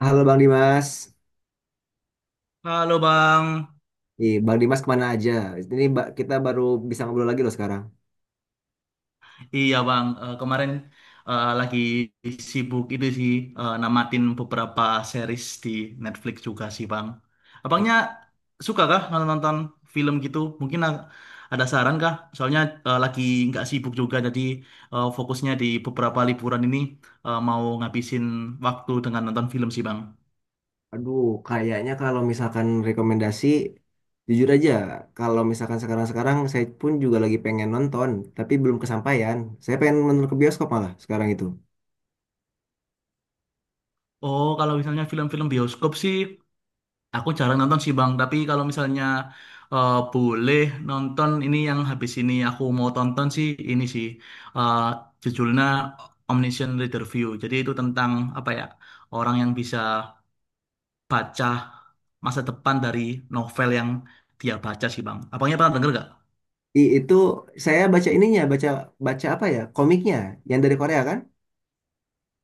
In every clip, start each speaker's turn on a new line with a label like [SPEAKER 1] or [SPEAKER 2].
[SPEAKER 1] Halo Bang Dimas.
[SPEAKER 2] Halo Bang.
[SPEAKER 1] Ih, Bang Dimas kemana aja? Ini kita baru bisa ngobrol lagi loh sekarang.
[SPEAKER 2] Iya Bang, kemarin lagi sibuk itu sih, namatin beberapa series di Netflix juga sih Bang.
[SPEAKER 1] Wah.
[SPEAKER 2] Abangnya suka kah nonton film gitu? Mungkin ada saran kah? Soalnya lagi nggak sibuk juga, jadi fokusnya di beberapa liburan ini, mau ngabisin waktu dengan nonton film sih Bang.
[SPEAKER 1] Aduh, kayaknya kalau misalkan rekomendasi, jujur aja, kalau misalkan sekarang-sekarang saya pun juga lagi pengen nonton, tapi belum kesampaian. Saya pengen nonton ke bioskop malah sekarang itu.
[SPEAKER 2] Oh, kalau misalnya film-film bioskop sih, aku jarang nonton sih Bang, tapi kalau misalnya boleh nonton ini yang habis ini aku mau tonton sih ini sih, eh, judulnya Omniscient Reader View. Jadi itu tentang apa ya, orang yang bisa baca masa depan dari novel yang dia baca sih Bang. Abangnya pernah denger gak?
[SPEAKER 1] Itu saya baca ininya, baca baca apa ya? Komiknya yang dari Korea kan?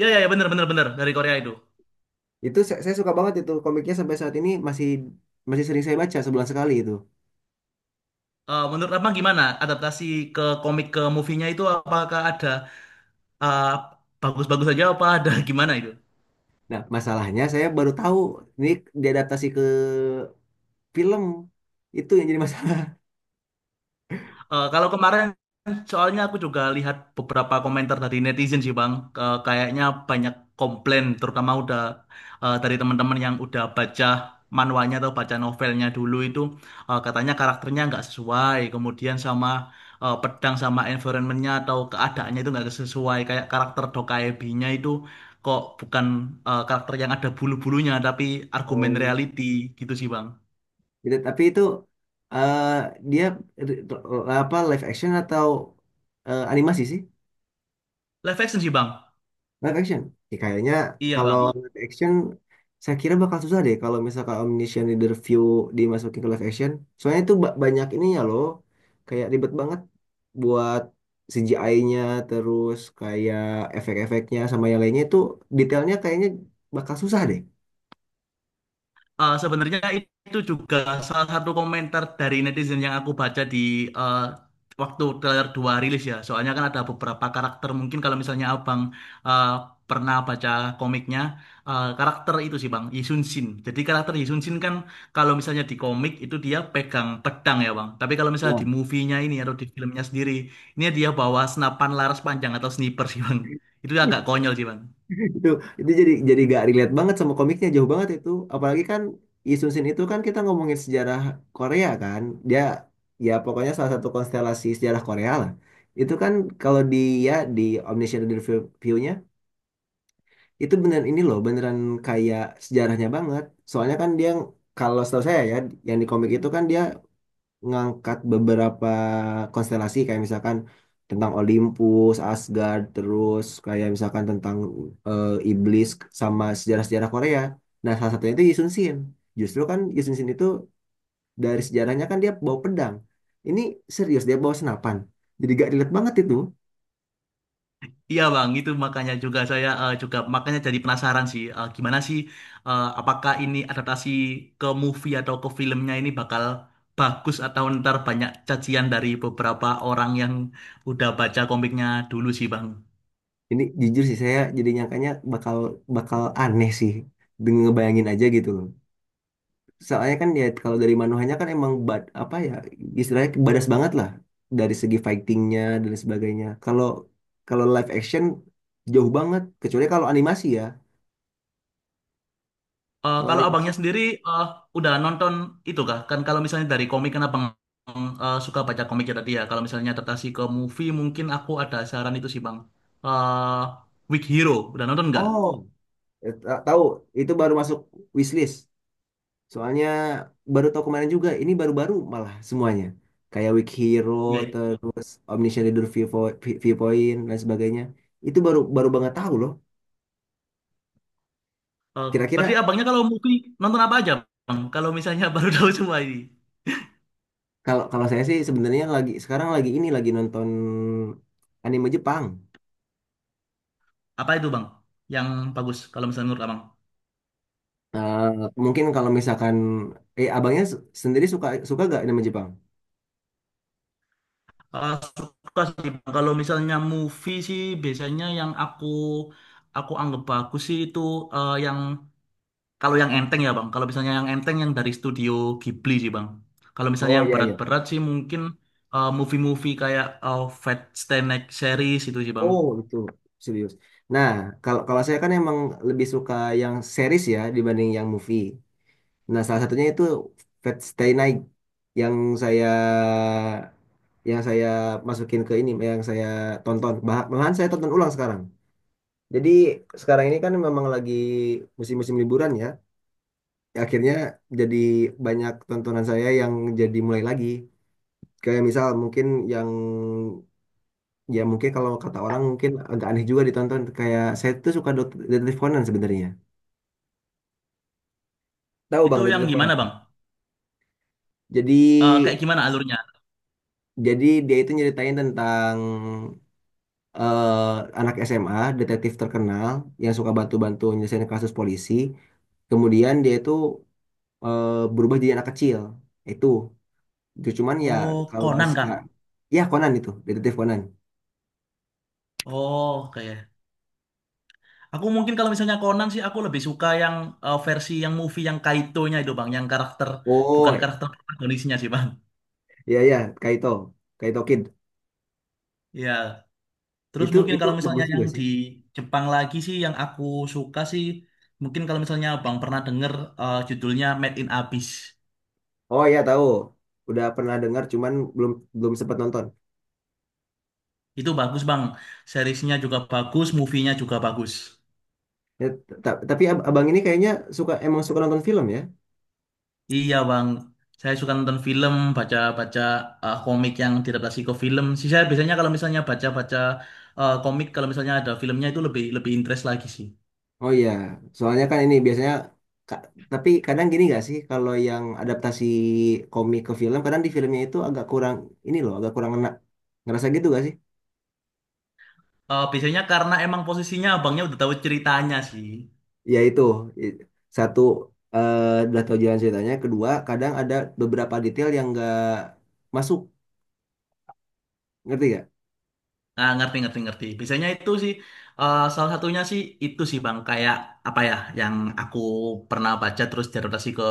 [SPEAKER 2] Ya, ya, ya, bener, bener, bener, dari Korea itu.
[SPEAKER 1] Itu saya suka banget itu komiknya, sampai saat ini masih masih sering saya baca sebulan sekali itu.
[SPEAKER 2] Menurut Abang gimana adaptasi ke komik ke movie-nya itu, apakah ada eh, bagus-bagus aja apa ada gimana itu?
[SPEAKER 1] Nah, masalahnya saya baru tahu ini diadaptasi ke film, itu yang jadi masalah.
[SPEAKER 2] Kalau kemarin soalnya aku juga lihat beberapa komentar dari netizen sih Bang. Kayaknya banyak komplain, terutama udah dari teman-teman yang udah baca manualnya atau baca novelnya dulu itu, katanya karakternya nggak sesuai, kemudian sama pedang sama environmentnya atau keadaannya itu nggak sesuai, kayak karakter Dokkaebi-nya itu kok bukan karakter yang ada bulu-bulunya tapi argumen
[SPEAKER 1] Oh.
[SPEAKER 2] reality gitu sih Bang.
[SPEAKER 1] Gitu, tapi itu eh, dia r- apa, live action atau animasi sih?
[SPEAKER 2] Live action sih Bang.
[SPEAKER 1] Live action. Ya, kayaknya
[SPEAKER 2] Iya
[SPEAKER 1] kalau
[SPEAKER 2] Bang.
[SPEAKER 1] live action, saya kira bakal susah deh kalau misalkan Omniscient Reader View dimasukin ke live action, soalnya itu banyak ininya loh, kayak ribet banget buat CGI-nya, terus kayak efek-efeknya sama yang lainnya itu, detailnya kayaknya bakal susah deh.
[SPEAKER 2] Sebenarnya itu juga salah satu komentar dari netizen yang aku baca di eh, waktu trailer 2 rilis ya. Soalnya kan ada beberapa karakter, mungkin kalau misalnya Abang eh, pernah baca komiknya, karakter itu sih Bang, Yi Sun Sin. Jadi karakter Yi Sun Sin kan kalau misalnya di komik itu dia pegang pedang ya Bang. Tapi kalau misalnya di
[SPEAKER 1] Ya.
[SPEAKER 2] movie-nya ini atau di filmnya sendiri, ini dia bawa senapan laras panjang atau sniper sih Bang. Itu agak konyol sih Bang.
[SPEAKER 1] itu itu jadi gak relate banget sama komiknya, jauh banget itu. Apalagi kan Lee Sun Sin itu kan, kita ngomongin sejarah Korea kan. Dia, ya, pokoknya salah satu konstelasi sejarah Korea lah. Itu kan kalau di, ya, di Omniscient Review nya itu beneran ini loh, beneran kayak sejarahnya banget. Soalnya kan dia, kalau setahu saya ya, yang di komik itu kan dia ngangkat beberapa konstelasi, kayak misalkan tentang Olympus, Asgard, terus kayak misalkan tentang iblis, sama sejarah-sejarah Korea. Nah, salah satunya itu Yisun Shin. Justru kan Yisun Shin itu dari sejarahnya kan dia bawa pedang. Ini serius dia bawa senapan. Jadi gak relate banget itu.
[SPEAKER 2] Iya bang, itu makanya juga saya, juga makanya jadi penasaran sih, gimana sih, apakah ini adaptasi ke movie atau ke filmnya ini bakal bagus atau ntar banyak cacian dari beberapa orang yang udah baca komiknya dulu sih bang.
[SPEAKER 1] Ini jujur sih, saya jadi nyangkanya bakal bakal aneh sih. Dengan ngebayangin aja gitu loh. Soalnya kan ya, kalau dari Manohanya kan emang bad, apa ya istilahnya, badas banget lah dari segi fightingnya dan sebagainya. Kalau kalau live action jauh banget, kecuali kalau animasi ya. Kalau
[SPEAKER 2] Kalau
[SPEAKER 1] animasi.
[SPEAKER 2] abangnya sendiri eh, udah nonton itu kah? Kan kalau misalnya dari komik kan abang suka baca komik ya tadi ya. Kalau misalnya adaptasi ke movie mungkin aku ada saran itu sih bang. Eh Weak Hero udah nonton nggak?
[SPEAKER 1] Oh, tahu, itu baru masuk wishlist. Soalnya baru tahu kemarin juga, ini baru-baru malah semuanya, kayak Weak Hero,
[SPEAKER 2] Ya.
[SPEAKER 1] terus Omniscient Reader Viewpoint dan sebagainya. Itu baru baru banget tahu loh.
[SPEAKER 2] Oh,
[SPEAKER 1] Kira-kira.
[SPEAKER 2] berarti abangnya kalau movie nonton apa aja, Bang? Kalau misalnya baru tahu semua ini.
[SPEAKER 1] Kalau kalau saya sih sebenarnya lagi, sekarang lagi ini lagi nonton anime Jepang.
[SPEAKER 2] Apa itu, Bang? Yang bagus kalau misalnya menurut Abang.
[SPEAKER 1] Eh, Mungkin kalau misalkan, abangnya sendiri suka, gak anime Jepang?
[SPEAKER 2] Eh, Suka sih, Bang. Kalau misalnya movie sih biasanya yang aku anggap bagus sih itu, yang kalau yang enteng ya, Bang. Kalau misalnya yang enteng yang dari studio Ghibli sih, Bang. Kalau misalnya
[SPEAKER 1] Oh
[SPEAKER 2] yang
[SPEAKER 1] iya iya.
[SPEAKER 2] berat-berat sih mungkin movie-movie kayak Fat Stanek series itu sih, Bang.
[SPEAKER 1] Oh itu serius. Nah, kalau kalau saya kan emang lebih suka yang series ya, dibanding yang movie. Nah, salah satunya itu Fate Stay Night, yang saya saya masukin ke ini, yang saya tonton. Malahan saya tonton ulang sekarang. Jadi sekarang ini kan memang lagi musim-musim liburan ya. Akhirnya jadi banyak tontonan saya yang jadi mulai lagi, kayak misal mungkin yang, ya mungkin kalau kata orang mungkin agak aneh juga ditonton, kayak saya tuh suka detektif Conan sebenarnya. Tahu bang
[SPEAKER 2] Itu yang
[SPEAKER 1] detektif Conan?
[SPEAKER 2] gimana, Bang?
[SPEAKER 1] Jadi,
[SPEAKER 2] Kayak gimana alurnya?
[SPEAKER 1] dia itu nyeritain tentang anak SMA detektif terkenal yang suka bantu-bantu nyelesain kasus polisi, kemudian dia itu berubah jadi anak kecil itu. Itu cuman, ya
[SPEAKER 2] Oh,
[SPEAKER 1] kalau
[SPEAKER 2] Conan kah?
[SPEAKER 1] sekarang, ya Conan itu detektif Conan.
[SPEAKER 2] Oh, oke. Aku mungkin kalau misalnya Conan sih aku lebih suka yang versi yang movie yang Kaito-nya itu Bang, yang karakter
[SPEAKER 1] Oh
[SPEAKER 2] bukan karakter protagonisnya sih Bang.
[SPEAKER 1] iya iya, Kaito, Kaito Kid.
[SPEAKER 2] Iya. Terus
[SPEAKER 1] Itu
[SPEAKER 2] mungkin
[SPEAKER 1] itu
[SPEAKER 2] kalau
[SPEAKER 1] bagus
[SPEAKER 2] misalnya
[SPEAKER 1] juga
[SPEAKER 2] yang
[SPEAKER 1] sih.
[SPEAKER 2] di Jepang lagi sih yang aku suka sih, mungkin kalau misalnya Bang pernah denger judulnya Made in Abyss.
[SPEAKER 1] Oh iya tahu. Udah pernah dengar, cuman belum belum sempat nonton.
[SPEAKER 2] Itu bagus Bang. Seriesnya juga bagus, movie-nya juga bagus.
[SPEAKER 1] Ya, tapi abang ini kayaknya suka, emang suka nonton film ya?
[SPEAKER 2] Iya bang, saya suka nonton film, baca-baca komik yang diadaptasi ke film. Sih saya biasanya kalau misalnya baca-baca komik, kalau misalnya ada filmnya itu lebih lebih interest lagi sih.
[SPEAKER 1] Oh iya, soalnya kan ini biasanya ka- tapi kadang gini gak sih, kalau yang adaptasi komik ke film, kadang di filmnya itu agak kurang ini loh, agak kurang enak. Ngerasa gitu gak sih?
[SPEAKER 2] Biasanya karena emang posisinya abangnya udah tahu ceritanya sih.
[SPEAKER 1] Ya itu, I- satu, eh udah tahu jalan ceritanya, kedua kadang ada beberapa detail yang nggak masuk. Ngerti gak?
[SPEAKER 2] Ah, ngerti, ngerti, ngerti. Biasanya itu sih, salah satunya sih itu sih bang, kayak apa ya, yang aku pernah baca terus diadaptasi ke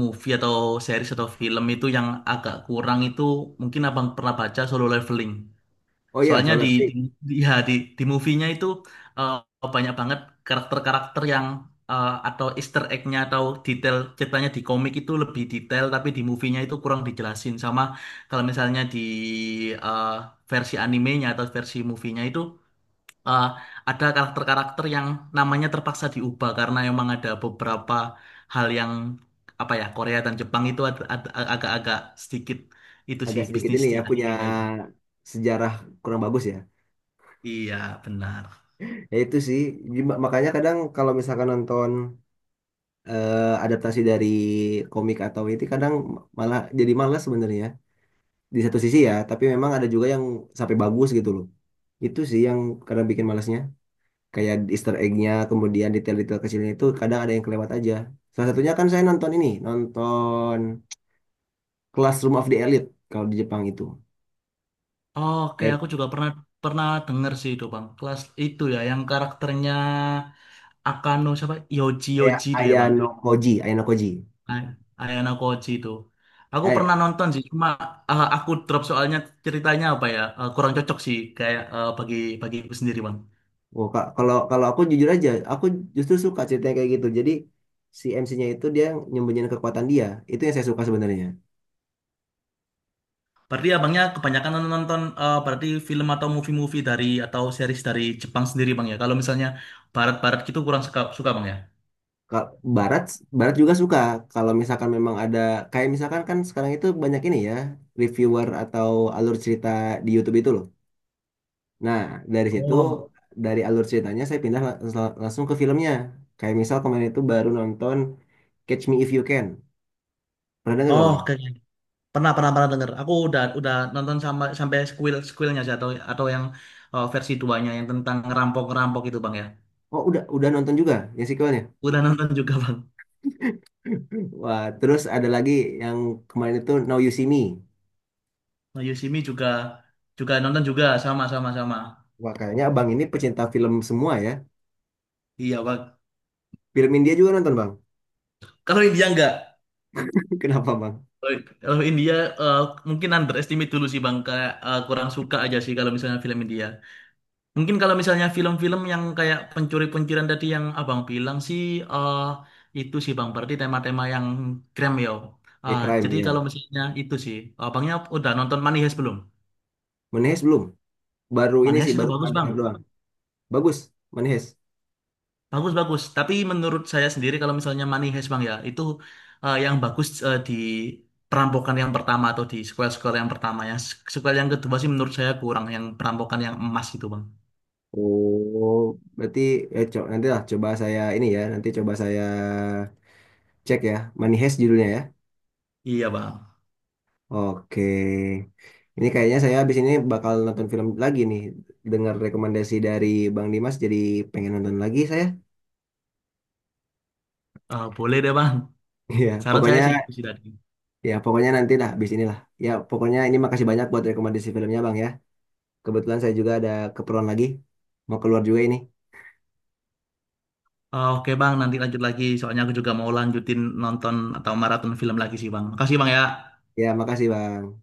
[SPEAKER 2] movie atau series atau film itu yang agak kurang itu, mungkin abang pernah baca Solo Leveling.
[SPEAKER 1] Oh iya,
[SPEAKER 2] Soalnya
[SPEAKER 1] Solo
[SPEAKER 2] di di
[SPEAKER 1] Leveling.
[SPEAKER 2] di, ya, di movie-nya itu, eh, banyak banget karakter-karakter yang, atau Easter egg-nya atau detail ceritanya di komik itu lebih detail tapi di movie-nya itu kurang dijelasin. Sama kalau misalnya di eh, versi animenya atau versi movie-nya itu, eh, ada karakter-karakter yang namanya terpaksa diubah karena emang ada beberapa hal yang, apa ya, Korea dan Jepang itu agak-agak sedikit itu sih
[SPEAKER 1] Agak sedikit
[SPEAKER 2] bisnis
[SPEAKER 1] ini
[SPEAKER 2] di
[SPEAKER 1] ya, punya
[SPEAKER 2] animenya itu.
[SPEAKER 1] sejarah kurang bagus ya.
[SPEAKER 2] Iya, benar.
[SPEAKER 1] Ya itu sih. Jadi makanya kadang kalau misalkan nonton adaptasi dari komik atau itu, kadang malah jadi malas sebenarnya di satu sisi ya. Tapi memang ada juga yang sampai bagus gitu loh. Itu sih yang kadang bikin malasnya. Kayak Easter egg-nya, kemudian detail-detail kecilnya itu, kadang ada yang kelewat aja. Salah satunya kan saya nonton Classroom of the Elite kalau di Jepang itu.
[SPEAKER 2] Oke,
[SPEAKER 1] Kayak
[SPEAKER 2] aku juga pernah pernah denger sih itu bang. Kelas itu ya, yang karakternya Akano siapa? Yoji
[SPEAKER 1] kayak
[SPEAKER 2] Yoji itu ya bang.
[SPEAKER 1] Ayano Koji, Ayano Koji.
[SPEAKER 2] Ay- Ayano Koji itu. Aku
[SPEAKER 1] Eh,
[SPEAKER 2] pernah nonton sih, cuma aku drop soalnya ceritanya apa ya, kurang cocok sih kayak, eh, bagi bagi sendiri bang.
[SPEAKER 1] oh, Kak, kalau kalau aku jujur aja, aku justru suka ceritanya kayak gitu. Jadi si MC-nya itu dia nyembunyiin kekuatan dia. Itu yang saya suka sebenarnya.
[SPEAKER 2] Berarti abangnya kebanyakan nonton, berarti film atau movie-movie dari, atau series dari Jepang sendiri bang ya. Kalau misalnya barat-barat gitu kurang suka suka bang ya.
[SPEAKER 1] Ka- Barat Barat juga suka. Kalau misalkan memang ada, kayak misalkan kan sekarang itu banyak ini ya, reviewer atau alur cerita di YouTube itu loh. Nah, dari situ,
[SPEAKER 2] Oh,
[SPEAKER 1] dari alur ceritanya saya pindah langsung ke filmnya. Kayak misal kemarin itu baru nonton Catch Me If You Can. Pernah denger gak,
[SPEAKER 2] oh,
[SPEAKER 1] Bang?
[SPEAKER 2] oke. Pernah, pernah, pernah denger. Aku udah nonton sama, sampai squealnya sih atau yang versi duanya yang tentang ngerampok ngerampok itu bang ya.
[SPEAKER 1] Oh, udah nonton juga yang sequelnya.
[SPEAKER 2] Udah nonton juga bang.
[SPEAKER 1] Wah, terus ada lagi yang kemarin itu Now You See Me.
[SPEAKER 2] Nah, Yoshimi juga juga nonton juga, sama, sama, sama.
[SPEAKER 1] Wah, kayaknya abang ini pecinta film semua ya.
[SPEAKER 2] Iya bang.
[SPEAKER 1] Film India juga nonton bang?
[SPEAKER 2] Kalau India enggak.
[SPEAKER 1] Kenapa bang?
[SPEAKER 2] Kalau kalau India, eh, mungkin underestimate dulu sih bang. Kayak, eh, kurang suka aja sih kalau misalnya film India. Mungkin kalau misalnya film-film yang kayak pencuri-pencurian tadi yang abang bilang sih, eh itu sih bang, berarti tema-tema yang krem ya.
[SPEAKER 1] Ya crime
[SPEAKER 2] Jadi kalau
[SPEAKER 1] ya.
[SPEAKER 2] misalnya itu sih, abangnya udah nonton Money Heist belum?
[SPEAKER 1] Menehes belum. Baru ini
[SPEAKER 2] Money
[SPEAKER 1] sih,
[SPEAKER 2] Heist itu
[SPEAKER 1] baru
[SPEAKER 2] bagus
[SPEAKER 1] pernah
[SPEAKER 2] bang,
[SPEAKER 1] dengar doang. Bagus, Menehes.
[SPEAKER 2] bagus-bagus. Tapi menurut saya sendiri kalau misalnya Money Heist bang ya, itu yang bagus di perampokan yang pertama atau di sequel-sequel yang pertama, ya. Sequel yang kedua sih menurut saya kurang, yang perampokan yang emas itu bang.
[SPEAKER 1] Oh, berarti, ya, nanti lah coba saya ini ya. Nanti coba saya cek ya. Menehes judulnya ya.
[SPEAKER 2] Iya bang.
[SPEAKER 1] Oke. Ini kayaknya saya habis ini bakal nonton film lagi nih. Dengar rekomendasi dari Bang Dimas jadi pengen nonton lagi saya.
[SPEAKER 2] Boleh deh bang.
[SPEAKER 1] Iya,
[SPEAKER 2] Saran saya
[SPEAKER 1] pokoknya.
[SPEAKER 2] sih itu sih tadi.
[SPEAKER 1] Ya, pokoknya nanti lah, habis inilah. Ya, pokoknya ini makasih banyak buat rekomendasi filmnya, Bang ya. Kebetulan saya juga ada keperluan lagi. Mau keluar juga ini.
[SPEAKER 2] Oh, oke bang, nanti lanjut lagi. Soalnya aku juga mau lanjutin nonton atau maraton film lagi sih bang. Makasih bang ya.
[SPEAKER 1] Ya, makasih, Bang.